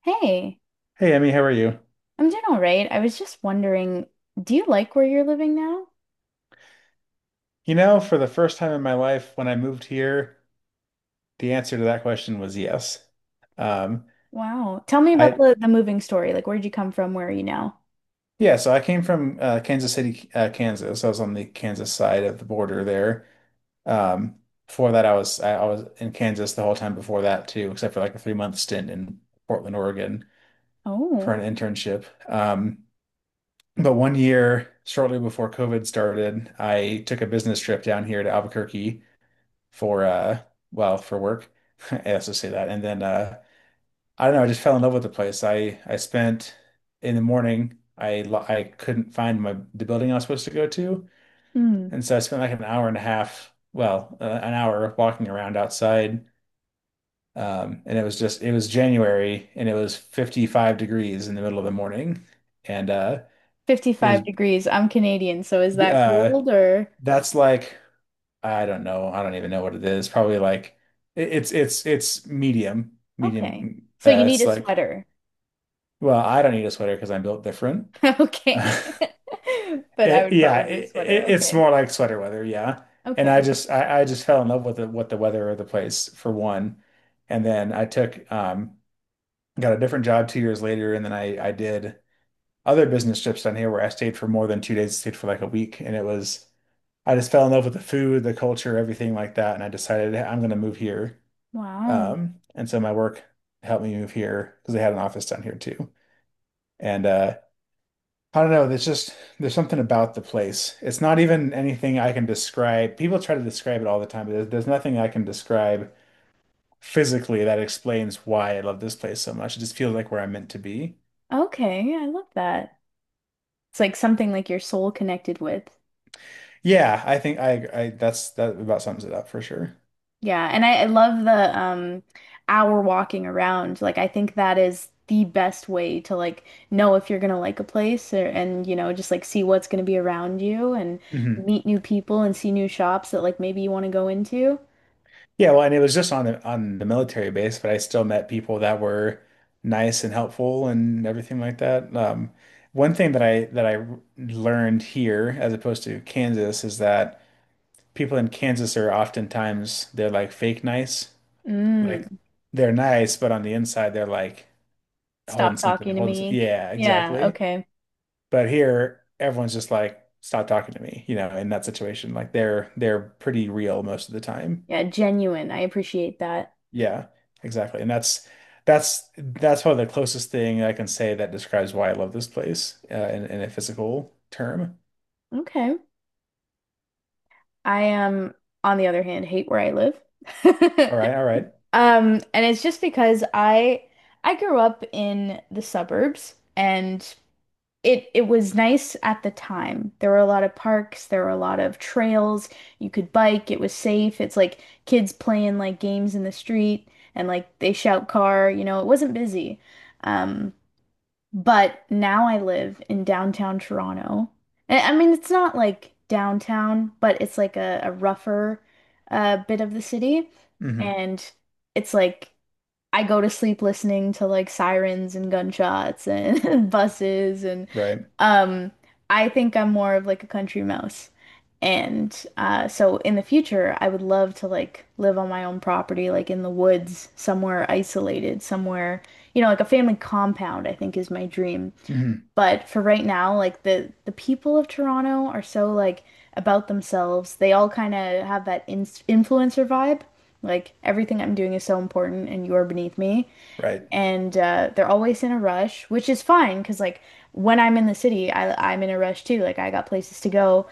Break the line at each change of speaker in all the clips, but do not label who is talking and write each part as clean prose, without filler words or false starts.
Hey,
Hey Emmy, how are you?
I'm doing all right. I was just wondering, do you like where you're living now?
You know, for the first time in my life, when I moved here, the answer to that question was yes. Um,
Wow. Tell me about
I
the moving story. Like, where'd you come from? Where are you now?
yeah, so I came from Kansas City, Kansas. I was on the Kansas side of the border there. Um, Before that, I was in Kansas the whole time before that too, except for like a 3 month stint in Portland, Oregon
Oh,
for an internship. But one year, shortly before COVID started, I took a business trip down here to Albuquerque for uh for work. I also say that. And then, I don't know, I just fell in love with the place. I spent in the morning I lo- I couldn't find my the building I was supposed to go to.
hmm.
And so I spent like an hour walking around outside. And it was just it was January and it was 55 degrees in the middle of the morning. And it
55
was
degrees. I'm Canadian, so is that
uh
cold or
that's like I don't know. I don't even know what it is. Probably like it's medium,
okay.
medium.
So you need
It's
a
like,
sweater.
well, I don't need a sweater because I'm built different.
Okay. But I
It,
would
yeah,
probably need a
it, it,
sweater.
it's
Okay.
more like sweater weather. Yeah, and I
Okay.
just I, I just fell in love with the what the weather of the place for one, and then I took got a different job 2 years later, and then I did other business trips down here where I stayed for more than 2 days. Stayed for like a week, and it was I just fell in love with the food, the culture, everything like that, and I decided, "Hey, I'm gonna move here."
Wow.
And so my work helped me move here because they had an office down here too. And I don't know, there's something about the place. It's not even anything I can describe. People try to describe it all the time, but there's nothing I can describe physically that explains why I love this place so much. It just feels like where I'm meant to be.
Okay. I love that. It's like something like your soul connected with.
Yeah, I think I that's that about sums it up for sure.
Yeah, and I love the hour walking around. Like I think that is the best way to like know if you're gonna like a place or, and you know just like see what's gonna be around you and
Mhm.
meet new people and see new shops that like maybe you want to go into.
Yeah, well, and it was just on the military base, but I still met people that were nice and helpful and everything like that. One thing that I learned here, as opposed to Kansas, is that people in Kansas are oftentimes they're like fake nice, like
Mm,
they're nice, but on the inside they're like holding
stop
something,
talking to
holding some,
me.
yeah,
Yeah,
exactly.
okay.
But here, everyone's just like, stop talking to me, you know, in that situation, like they're pretty real most of the time.
Yeah, genuine. I appreciate that.
Yeah, exactly. And that's probably the closest thing I can say that describes why I love this place in a physical term.
Okay. I on the other hand hate where I live.
All right, all right.
And it's just because I grew up in the suburbs and it was nice at the time. There were a lot of parks, there were a lot of trails. You could bike, it was safe. It's like kids playing like games in the street and like they shout car, you know, it wasn't busy. Um, but now I live in downtown Toronto. And I mean, it's not like downtown, but it's like a rougher bit of the city.
Mm-hmm.
And it's like I go to sleep listening to like sirens and gunshots and buses and
Right.
um I think I'm more of like a country mouse. And so in the future I would love to like live on my own property like in the woods somewhere isolated somewhere, you know, like a family compound I think is my dream.
Mm-hmm.
But for right now, like the people of Toronto are so like about themselves. They all kind of have that in influencer vibe. Like everything I'm doing is so important and you're beneath me.
Right.
And they're always in a rush, which is fine because like when I'm in the city, I'm in a rush too. Like I got places to go,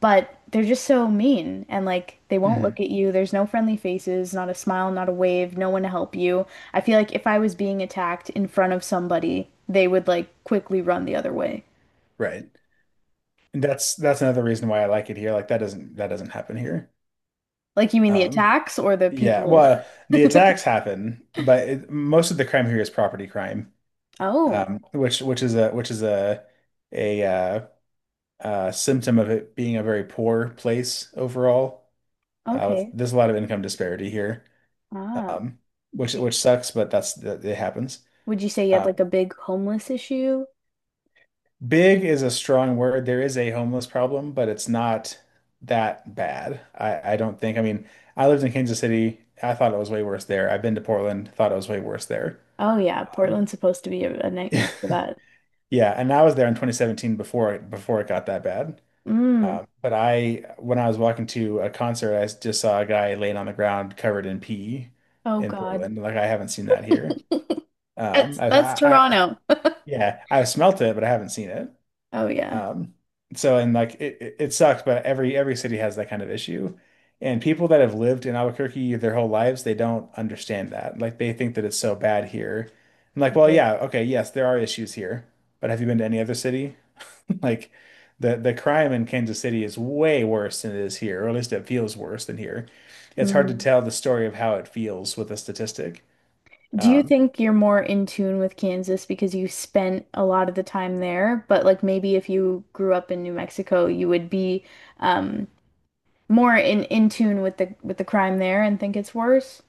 but they're just so mean and like they won't
Mm-hmm.
look at you. There's no friendly faces, not a smile, not a wave, no one to help you. I feel like if I was being attacked in front of somebody, they would like quickly run the other way.
Right. And that's another reason why I like it here. Like that doesn't happen here.
Like you mean the
Um
attacks or the
yeah,
people?
well, the attacks happen, but most of the crime here is property crime.
Oh,
Which is a symptom of it being a very poor place overall.
okay.
There's a lot of income disparity here,
Ah.
um, which
Y-
sucks, but that's that it happens.
Would you say you have like
Um,
a big homeless issue?
big is a strong word. There is a homeless problem, but it's not that bad. I don't think. I mean, I lived in Kansas City. I thought it was way worse there. I've been to Portland. Thought it was way worse there.
Oh yeah,
Um,
Portland's supposed to be a nightmare for that.
yeah, and I was there in 2017 before it got that bad.
Mm.
But when I was walking to a concert, I just saw a guy laying on the ground covered in pee
Oh
in
God.
Portland. Like I haven't seen that here. Um,
That's
I, I, I,
Toronto.
yeah, I've smelt it, but I haven't seen it.
Oh yeah.
Um, so, and like it sucks, but every city has that kind of issue. And people that have lived in Albuquerque their whole lives, they don't understand that. Like they think that it's so bad here. I'm like, well,
Right.
yeah, okay, yes, there are issues here, but have you been to any other city? Like the crime in Kansas City is way worse than it is here, or at least it feels worse than here. It's hard to
Mm.
tell the story of how it feels with a statistic.
Do you
Um,
think you're more in tune with Kansas because you spent a lot of the time there, but like maybe if you grew up in New Mexico, you would be um more in tune with the crime there and think it's worse?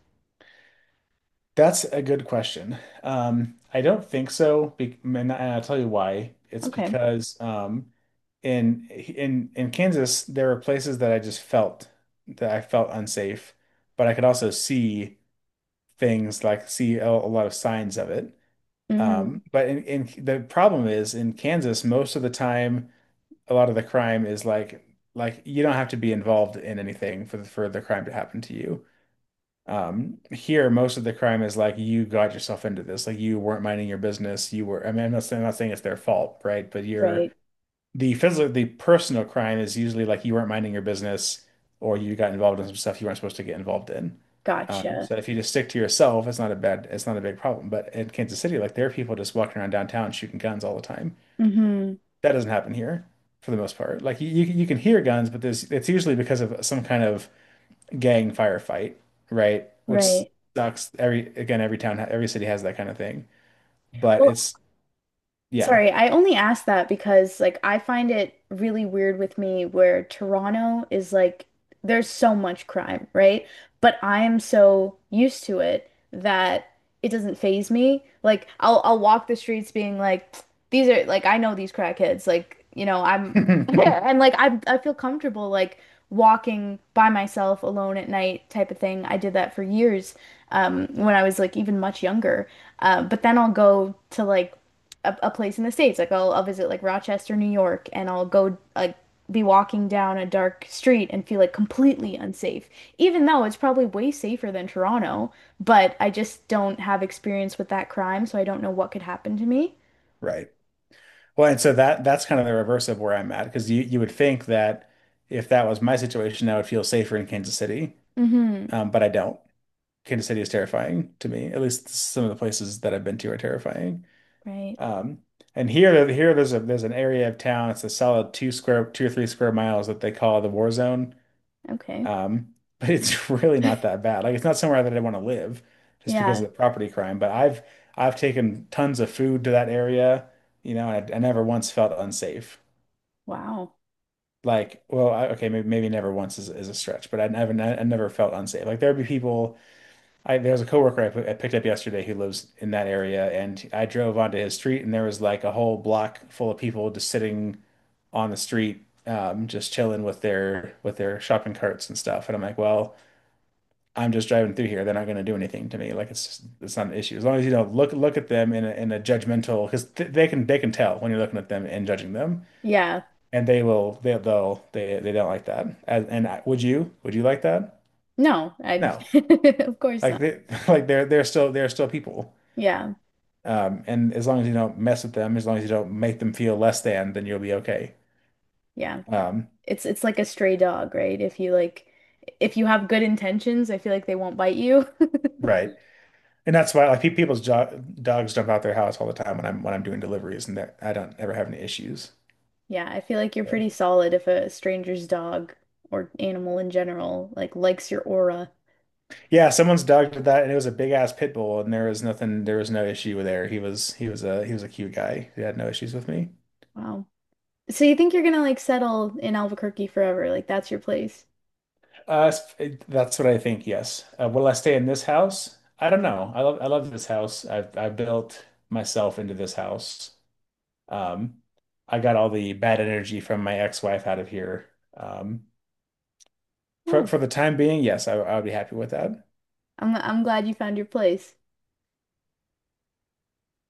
That's a good question. I don't think so, be and I'll tell you why. It's
Okay.
because in Kansas, there were places that I felt unsafe, but I could also see things like see a lot of signs of it.
Mm,
But in the problem is in Kansas, most of the time, a lot of the crime is like you don't have to be involved in anything for for the crime to happen to you. Here, most of the crime is like you got yourself into this, like you weren't minding your business. I mean, I'm not saying it's their fault, right? But you're
right.
the personal crime is usually like you weren't minding your business or you got involved in some stuff you weren't supposed to get involved in.
Gotcha.
So if you just stick to yourself, it's not a bad, it's not a big problem. But in Kansas City, like there are people just walking around downtown shooting guns all the time.
Mm-hmm.
That doesn't happen here for the most part. Like you can hear guns, but it's usually because of some kind of gang firefight, right? Which
Right.
sucks. Every again, every town, every city has that kind of thing, but
Well,
it's yeah,
sorry, I only asked that because like I find it really weird with me where Toronto is like there's so much crime, right? But I am so used to it that it doesn't faze me. Like I'll walk the streets being like these are like I know these crackheads. Like, you know, I'm and like I feel comfortable like walking by myself alone at night type of thing. I did that for years when I was like even much younger. But then I'll go to like a place in the states. Like I'll visit like Rochester, New York, and I'll go like be walking down a dark street and feel like completely unsafe, even though it's probably way safer than Toronto. But I just don't have experience with that crime, so I don't know what could happen to me.
right. Well, and so that that's kind of the reverse of where I'm at because you would think that if that was my situation, I would feel safer in Kansas City,
Mm-hmm.
but I don't. Kansas City is terrifying to me. At least some of the places that I've been to are terrifying.
Right.
Um, and here, there's a there's an area of town. It's a solid two square, two or three square miles that they call the war zone.
Okay.
But it's really not that bad. Like it's not somewhere that I want to live just because
Yeah.
of the property crime. But I've taken tons of food to that area, you know, and I never once felt unsafe.
Wow.
Like, okay, maybe never once is a stretch, but I never felt unsafe. Like there'd be people. I There was a coworker I picked up yesterday who lives in that area, and I drove onto his street, and there was like a whole block full of people just sitting on the street, just chilling with their shopping carts and stuff. And I'm like, well, I'm just driving through here. They're not going to do anything to me. Like it's not an issue as long as you don't look at them in in a judgmental, because th they can tell when you're looking at them and judging them,
Yeah.
and they will they they'll they don't like that. Would you would you like that?
No, I
No,
of course
like
not.
they like they're still people.
Yeah.
And as long as you don't mess with them, as long as you don't make them feel less than, then you'll be okay.
Yeah.
Um,
It's like a stray dog, right? If you like if you have good intentions, I feel like they won't bite you.
right. And that's why like pe- people's jo dogs jump out their house all the time when I'm doing deliveries, and that I don't ever have any issues.
Yeah, I feel like you're
So.
pretty solid if a stranger's dog or animal in general like likes your aura.
Yeah, someone's dog did that, and it was a big ass pit bull, and there was no issue there. He was a cute guy. He had no issues with me.
Wow. So you think you're gonna like settle in Albuquerque forever? Like that's your place?
Uh, that's what I think. Yes. Will I stay in this house? I don't know. I love this house. I built myself into this house. Um, I got all the bad energy from my ex-wife out of here. Um, for
Oh,
the time being, yes, I would be happy with that.
I'm glad you found your place.